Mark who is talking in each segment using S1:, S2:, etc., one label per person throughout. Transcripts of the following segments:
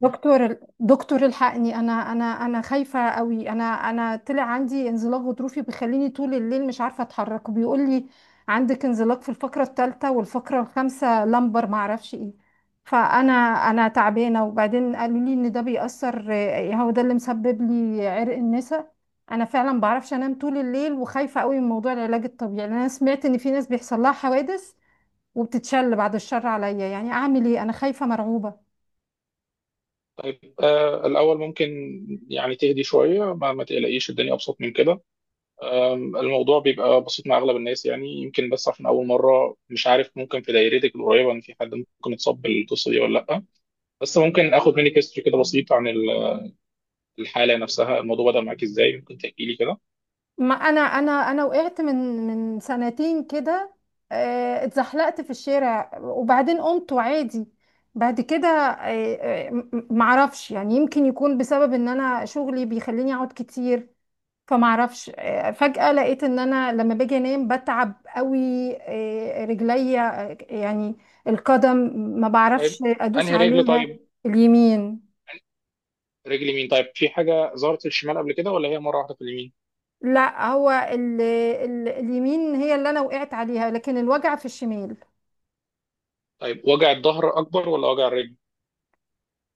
S1: دكتور دكتور الحقني، انا خايفه قوي. انا طلع عندي انزلاق غضروفي بيخليني طول الليل مش عارفه اتحرك، وبيقول لي عندك انزلاق في الفقره الثالثه والفقره الخامسه لمبر ما اعرفش ايه. فانا تعبانه، وبعدين قالوا لي ان ده بيأثر. هو ده اللي مسبب لي عرق النسا. انا فعلا ما بعرفش انام طول الليل، وخايفه قوي من موضوع العلاج الطبيعي، لأن انا سمعت ان في ناس بيحصل لها حوادث وبتتشل، بعد الشر عليا. يعني اعمل ايه؟ انا خايفه مرعوبه.
S2: طيب، الأول ممكن يعني تهدي شوية ما تقلقيش، الدنيا أبسط من كده. الموضوع بيبقى بسيط مع أغلب الناس، يعني يمكن بس عشان أول مرة مش عارف، ممكن في دايرتك القريبة إن في حد ممكن يتصاب بالقصة دي ولا لأ؟ بس ممكن آخد منك هيستوري كده بسيط عن الحالة نفسها؟ الموضوع بدأ معاك إزاي؟ ممكن تحكي لي كده.
S1: ما انا وقعت من سنتين كده. اتزحلقت في الشارع وبعدين قمت وعادي. بعد كده، معرفش، يعني يمكن يكون بسبب ان انا شغلي بيخليني اقعد كتير. فمعرفش، فجأة لقيت ان انا لما باجي انام بتعب قوي. رجليا، يعني القدم ما بعرفش
S2: طيب،
S1: ادوس
S2: أنهي رجل؟
S1: عليها.
S2: طيب،
S1: اليمين.
S2: رجل يمين. طيب، في حاجة ظهرت في الشمال قبل كده ولا هي مرة واحدة في اليمين؟
S1: لا، هو ال اليمين هي اللي انا وقعت عليها، لكن الوجع في الشمال.
S2: طيب، وجع الظهر أكبر ولا وجع الرجل؟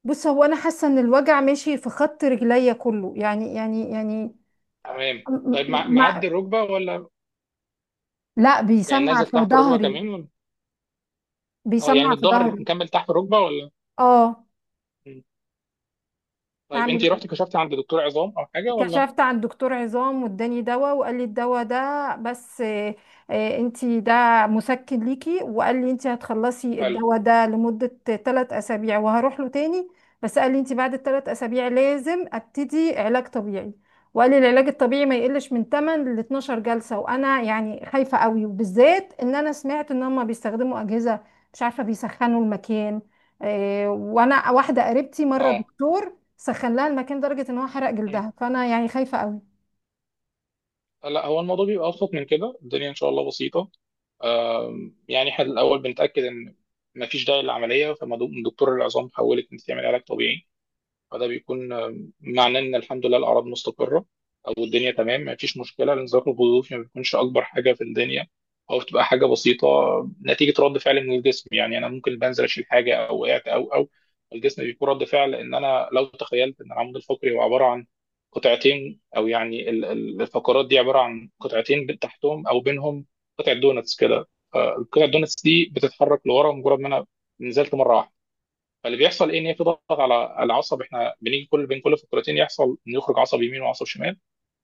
S1: بص، هو انا حاسه ان الوجع ماشي في خط رجليا كله يعني.
S2: تمام.
S1: م-
S2: طيب،
S1: م-
S2: معدي
S1: مع
S2: الركبة ولا؟
S1: لا،
S2: يعني
S1: بيسمع
S2: نازل
S1: في
S2: تحت الركبة
S1: ظهري.
S2: كمان؟ اه، يعني
S1: بيسمع
S2: من
S1: في
S2: الظهر
S1: ظهري.
S2: مكمل تحت الركبه ولا؟
S1: اه.
S2: مم. طيب، انت
S1: اعمل
S2: رحتي كشفتي عند دكتور عظام او حاجه ولا؟
S1: كشفت عند دكتور عظام واداني دواء، وقال لي الدواء ده بس. انتي ده مسكن ليكي، وقال لي انتي هتخلصي
S2: حلو.
S1: الدواء ده لمدة 3 اسابيع وهروح له تاني. بس قال لي انتي بعد الثلاث اسابيع لازم ابتدي علاج طبيعي، وقال لي العلاج الطبيعي ما يقلش من 8 ل 12 جلسة. وانا يعني خايفة قوي، وبالذات ان انا سمعت ان هم بيستخدموا اجهزة مش عارفة بيسخنوا المكان. وانا واحدة قريبتي مرة
S2: اه.
S1: دكتور سخن لها المكان لدرجة ان هو حرق
S2: مم.
S1: جلدها، فانا يعني خايفة قوي.
S2: لا، هو الموضوع بيبقى ابسط من كده، الدنيا ان شاء الله بسيطه. يعني احنا الاول بنتاكد ان مفيش داعي للعمليه، فدكتور العظام حولك انت تعمل علاج طبيعي، فده بيكون معناه ان الحمد لله الاعراض مستقره، او الدنيا تمام ما فيش مشكله. الانزلاق الغضروفي ما بيكونش اكبر حاجه في الدنيا، او بتبقى حاجه بسيطه نتيجه رد فعل من الجسم. يعني انا ممكن بنزل اشيل حاجه او وقعت او الجسم بيكون رد فعل. ان انا لو تخيلت ان العمود الفقري هو عباره عن قطعتين، او يعني الفقرات دي عباره عن قطعتين، تحتهم او بينهم قطعه دونتس كده، فالقطعه الدونتس دي بتتحرك لورا مجرد ما انا نزلت مره واحده. فاللي بيحصل ايه؟ ان هي بتضغط على العصب. احنا بنيجي كل بين كل فقرتين يحصل انه يخرج عصب يمين وعصب شمال،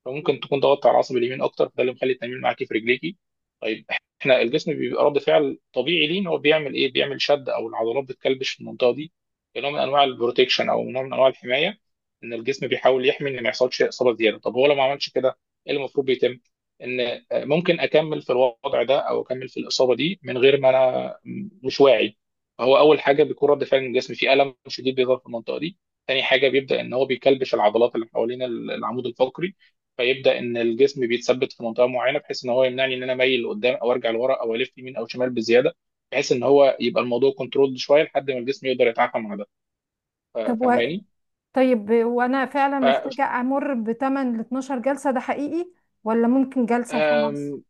S2: فممكن تكون ضغطت على العصب اليمين اكتر، فده اللي مخلي التمرين معاكي في رجليكي. طيب، احنا الجسم بيبقى رد فعل طبيعي ليه، ان هو بيعمل ايه؟ بيعمل شد او العضلات بتكلبش في المنطقه دي كنوع من انواع البروتكشن او نوع من انواع الحمايه. ان الجسم بيحاول يحمي ان ما يحصلش اصابه زياده. طب هو لو ما عملش كده، ايه اللي المفروض بيتم؟ ان ممكن اكمل في الوضع ده او اكمل في الاصابه دي من غير ما انا مش واعي. فهو اول حاجه بيكون رد فعل من الجسم، في الم شديد بيظهر في المنطقه دي. تاني حاجه بيبدا ان هو بيكلبش العضلات اللي حوالين العمود الفقري، فيبدا ان الجسم بيتثبت في منطقه معينه بحيث ان هو يمنعني ان انا مايل لقدام او ارجع لورا او الف يمين او شمال بزياده، بحيث ان هو يبقى الموضوع كنترولد شويه لحد ما الجسم يقدر يتعافى مع ده.
S1: طب و...
S2: فاهماني؟
S1: طيب، وانا فعلا محتاجة
S2: ف-
S1: امر بتمن ل 12 جلسة ده حقيقي، ولا ممكن جلسة وخلاص؟
S2: أم،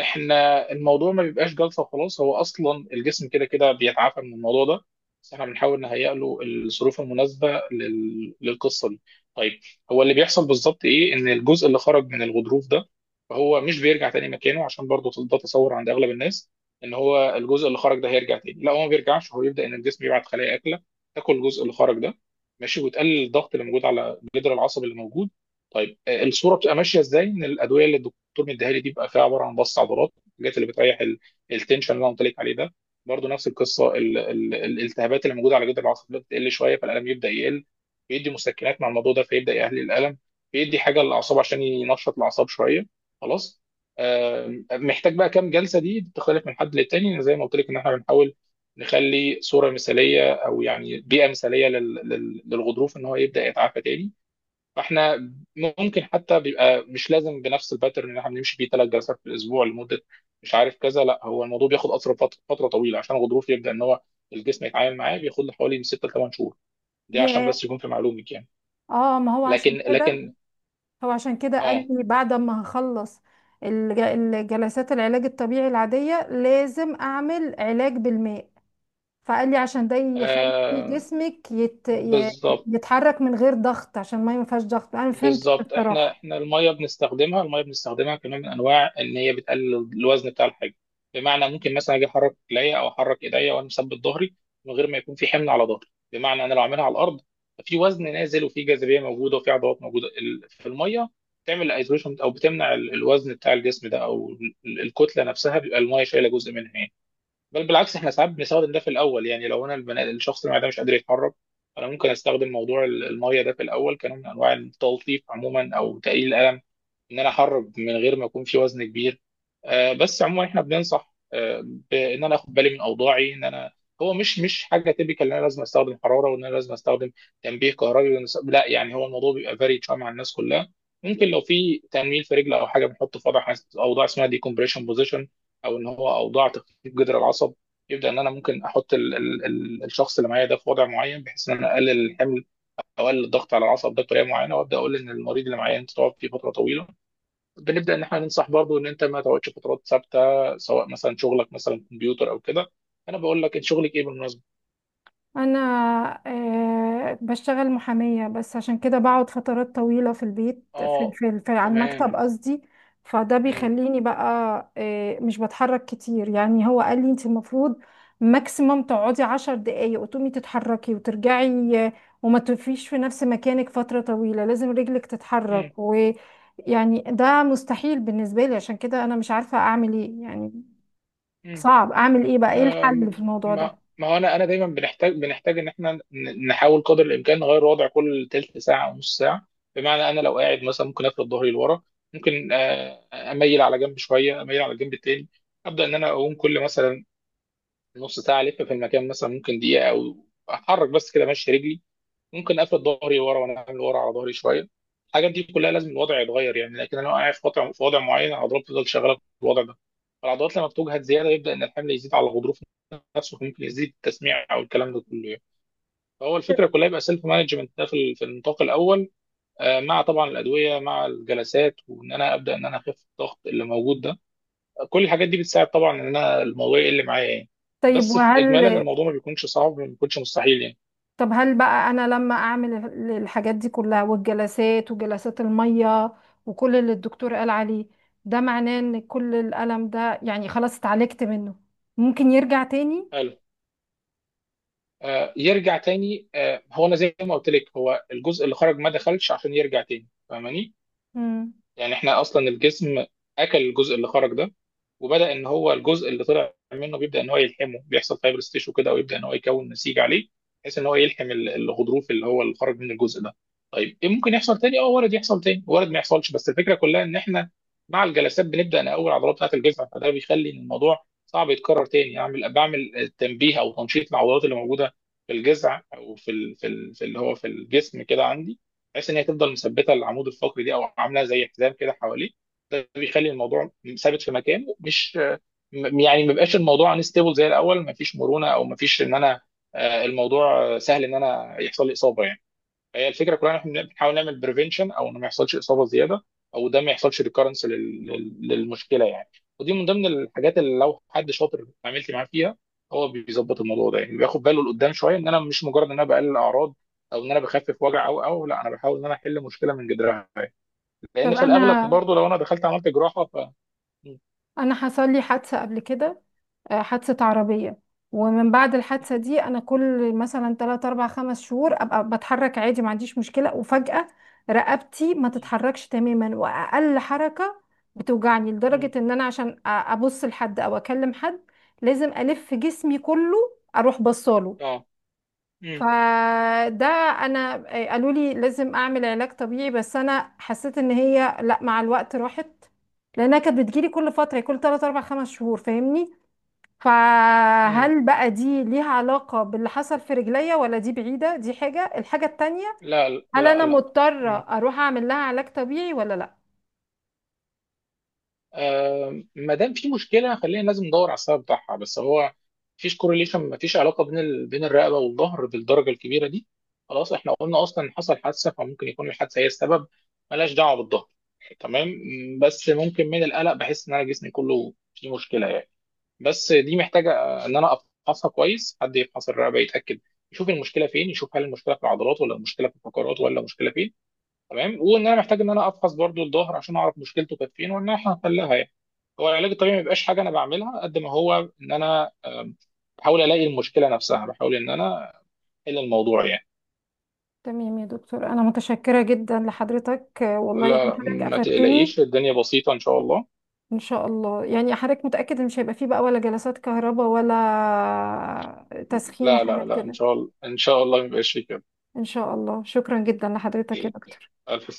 S2: احنا الموضوع ما بيبقاش جلطه وخلاص، هو اصلا الجسم كده كده بيتعافى من الموضوع ده، بس احنا بنحاول نهيئ له الظروف المناسبه للقصه دي. طيب، هو اللي بيحصل بالظبط ايه؟ ان الجزء اللي خرج من الغضروف ده فهو مش بيرجع تاني مكانه، عشان برضه ده تصور عند اغلب الناس ان هو الجزء اللي خرج ده هيرجع تاني. لا، هو ما بيرجعش، هو يبدا ان الجسم يبعت خلايا اكله تاكل الجزء اللي خرج ده، ماشي، وتقلل الضغط اللي موجود على الجدر العصبي اللي موجود. طيب، الصوره بتبقى ماشيه ازاي؟ ان الادويه اللي الدكتور مديها لي دي بيبقى فيها عباره عن بس عضلات، الحاجات اللي بتريح التنشن اللي انا قلت لك عليه ده. برضه نفس القصه، الالتهابات اللي موجوده على جدر العصب بتقل شويه فالالم يبدا يقل. بيدي مسكنات مع الموضوع ده فيبدا يقلل الالم. بيدي حاجه للاعصاب عشان ينشط الاعصاب شويه. خلاص. محتاج بقى كام جلسه؟ دي بتختلف من حد للتاني، زي ما قلت لك ان احنا بنحاول نخلي صوره مثاليه او يعني بيئه مثاليه للغضروف ان هو يبدا يتعافى تاني. فاحنا ممكن حتى بيبقى مش لازم بنفس الباترن اللي احنا بنمشي بيه ثلاث جلسات في الاسبوع لمده مش عارف كذا. لا، هو الموضوع بياخد اثر فتره طويله عشان الغضروف يبدا ان هو الجسم يتعامل معاه. بياخد له حوالي من 6 ل 8 شهور، دي عشان
S1: ياه.
S2: بس يكون في معلومك يعني.
S1: اه، ما هو عشان
S2: لكن
S1: كده
S2: لكن
S1: هو عشان كده قال
S2: اه,
S1: لي بعد ما هخلص الجلسات العلاج الطبيعي العادية لازم اعمل علاج بالماء. فقال لي عشان ده يخلي
S2: آه
S1: جسمك
S2: بالظبط.
S1: يتحرك من غير ضغط، عشان الميه ما ينفعش ضغط، انا ما فهمتش
S2: بالظبط، احنا
S1: بصراحة.
S2: احنا الميه بنستخدمها، الميه بنستخدمها كنوع من انواع ان هي بتقلل الوزن بتاع الحاجه. بمعنى ممكن مثلا اجي احرك رجليا او احرك ايديا وانا مثبت ظهري من غير ما يكون في حمل على ظهري. بمعنى انا لو عاملها على الارض ففي وزن نازل وفي جاذبيه موجوده وفي عضلات موجوده، في الميه بتعمل ايزوليشن او بتمنع الوزن بتاع الجسم ده او الكتله نفسها، بيبقى الميه شايله جزء منها يعني. بل بالعكس، احنا ساعات بنستخدم ده في الاول، يعني لو انا البناء الشخص اللي معده مش قادر يتحرك، انا ممكن استخدم موضوع الميه ده في الاول كنوع من انواع التلطيف عموما او تقليل الالم، ان انا احرك من غير ما يكون في وزن كبير. بس عموما احنا بننصح بان انا اخد بالي من اوضاعي، ان انا هو مش حاجه تيبيكال ان انا لازم استخدم حراره وان انا لازم استخدم تنبيه كهربي لا، يعني هو الموضوع بيبقى فاري شويه مع الناس كلها. ممكن لو في تنميل في رجل او حاجه بنحط في وضع، اوضاع اسمها ديكمبريشن بوزيشن، او ان هو اوضاع تخفيف جذر العصب. يبدا ان انا ممكن احط ال الشخص اللي معايا ده في وضع معين بحيث ان انا اقلل الحمل او اقلل الضغط على العصب ده بطريقه معينه. وابدا اقول ان المريض اللي معايا انت تقعد فيه فتره طويله، بنبدا ان احنا ننصح برضه ان انت ما تقعدش فترات ثابته، سواء مثلا شغلك مثلا كمبيوتر او كده. انا بقول لك انت شغلك ايه بالمناسبه؟
S1: انا بشتغل محامية، بس عشان كده بقعد فترات طويلة في البيت، في
S2: اه،
S1: في في على
S2: تمام.
S1: المكتب قصدي. فده بيخليني بقى مش بتحرك كتير، يعني هو قال لي انت المفروض ماكسيموم تقعدي 10 دقايق وتقومي تتحركي وترجعي، وما تقفيش في نفس مكانك فترة طويلة، لازم رجلك تتحرك. ويعني ده مستحيل بالنسبة لي، عشان كده انا مش عارفة اعمل ايه، يعني
S2: امم.
S1: صعب. اعمل ايه بقى؟ ايه الحل
S2: أم،
S1: في الموضوع
S2: ما
S1: ده؟
S2: ما هو انا دايما بنحتاج ان احنا نحاول قدر الامكان نغير وضع كل تلت ساعه او نص ساعه. بمعنى انا لو قاعد مثلا ممكن افرد ظهري لورا، ممكن اميل على جنب شويه، اميل على الجنب التاني. ابدا ان انا اقوم كل مثلا نص ساعه الف في المكان مثلا ممكن دقيقه او احرك بس كده ماشي رجلي. ممكن اقفل ظهري ورا وانا عامل ورا على ظهري شويه. الحاجات دي كلها لازم الوضع يتغير يعني. لكن انا لو قاعد في وضع، معين العضلات بتفضل شغاله في الوضع ده، فالعضلات لما بتجهد زياده يبدا ان الحمل يزيد على الغضروف نفسه، ممكن يزيد التسميع او الكلام ده كله يعني. فهو الفكره كلها يبقى سيلف مانجمنت ده في النطاق الاول. مع طبعا الادويه مع الجلسات، وان انا ابدا ان انا اخف الضغط اللي موجود ده، كل الحاجات دي بتساعد طبعا ان انا الموضوع يقل معايا يعني.
S1: طيب
S2: بس في اجمالا
S1: وهل
S2: الموضوع ما بيكونش صعب، ما بيكونش مستحيل.
S1: طب هل بقى انا لما اعمل الحاجات دي كلها والجلسات وجلسات المية وكل اللي الدكتور قال عليه، ده معناه ان كل الالم ده يعني خلاص اتعالجت منه؟ ممكن يرجع تاني؟
S2: يعني يرجع تاني. هو انا زي ما قلت لك هو الجزء اللي خرج ما دخلش عشان يرجع تاني، فاهماني؟
S1: مم.
S2: يعني احنا اصلا الجسم اكل الجزء اللي خرج ده، وبدا ان هو الجزء اللي طلع منه بيبدا ان هو يلحمه، بيحصل فايبرس تيشو كده ويبدا ان هو يكون نسيج عليه بحيث ان هو يلحم الغضروف اللي هو اللي خرج من الجزء ده. طيب ايه ممكن يحصل تاني؟ اه، وارد يحصل تاني، وارد ما يحصلش. بس الفكره كلها ان احنا مع الجلسات بنبدا نقوي العضلات بتاعه الجسم، فده بيخلي ان الموضوع صعب يتكرر تاني. اعمل بعمل تنبيه او تنشيط للعضلات اللي موجوده في الجذع او في اللي هو في الجسم كده عندي، بحيث ان هي تفضل مثبته العمود الفقري دي او عامله زي حزام كده حواليه. ده بيخلي الموضوع ثابت في مكانه، مش يعني ما بيبقاش الموضوع انستيبل زي الاول. ما فيش مرونه او ما فيش ان انا الموضوع سهل ان انا يحصل لي اصابه يعني. هي الفكره كلها ان احنا بنحاول نعمل بريفنشن، او انه ما يحصلش اصابه زياده، او ده ما يحصلش ريكارنس للمشكله يعني. ودي من ضمن الحاجات اللي لو حد شاطر عملت معاه فيها هو بيظبط الموضوع ده. يعني بياخد باله لقدام شويه، ان انا مش مجرد ان انا بقلل اعراض او ان انا بخفف وجع، او لا، انا بحاول ان انا احل مشكله من جذرها. لان
S1: طب
S2: في الاغلب
S1: انا
S2: برضو لو انا دخلت عملت جراحه ف م-
S1: انا حصل لي حادثة قبل كده. حادثة عربية. ومن بعد الحادثة دي أنا كل مثلا 3 4 5 شهور أبقى بتحرك عادي ما عنديش مشكلة، وفجأة رقبتي ما تتحركش تماما، وأقل حركة بتوجعني
S2: م- م-
S1: لدرجة
S2: م-
S1: إن أنا عشان أبص لحد أو أكلم حد لازم ألف جسمي كله أروح بصاله.
S2: اه. م-
S1: فده، أنا قالوا لي لازم أعمل علاج طبيعي، بس أنا حسيت إن هي لأ، مع الوقت راحت، لأنها كانت بتجيلي كل فترة، كل 3 4 5 شهور، فاهمني؟
S2: م-
S1: فهل بقى دي ليها علاقة باللي حصل في رجليا، ولا دي بعيدة، دي حاجة، الحاجة التانية؟
S2: لا
S1: هل
S2: لا
S1: أنا
S2: لا.
S1: مضطرة
S2: م-
S1: أروح أعمل لها علاج طبيعي ولا لأ؟
S2: ما دام في مشكله خلينا لازم ندور على السبب بتاعها. بس هو مفيش كورليشن، مفيش علاقه بين الرقبه والظهر بالدرجه الكبيره دي. خلاص، احنا قلنا اصلا حصل حادثه فممكن يكون الحادثه هي السبب، ملهاش دعوه بالظهر. تمام. بس ممكن من القلق بحس ان انا جسمي كله فيه مشكله يعني. بس دي محتاجه ان انا افحصها كويس، حد يفحص الرقبه يتاكد، يشوف المشكله فين، يشوف هل المشكله في العضلات ولا المشكله في الفقرات ولا المشكله فين. تمام، وان انا محتاج ان انا افحص برضو الظهر عشان اعرف مشكلته كانت فين وان احنا هنحلها يعني. هو العلاج الطبيعي ما بيبقاش حاجه انا بعملها، قد ما هو ان انا بحاول الاقي المشكله نفسها، بحاول ان انا احل الموضوع يعني.
S1: تمام يا دكتور، أنا متشكرة جدا لحضرتك. والله،
S2: لا
S1: يعني
S2: لا،
S1: حضرتك
S2: ما
S1: أفدتني.
S2: تقلقيش، الدنيا بسيطه ان شاء الله.
S1: إن شاء الله، يعني حضرتك متأكد إن مش هيبقى فيه بقى ولا جلسات كهرباء ولا تسخين
S2: لا لا
S1: وحاجات
S2: لا، ان
S1: كده؟
S2: شاء الله، ان شاء الله ما يبقاش فيه كده.
S1: إن شاء الله، شكرا جدا لحضرتك يا دكتور.
S2: الف سلامه.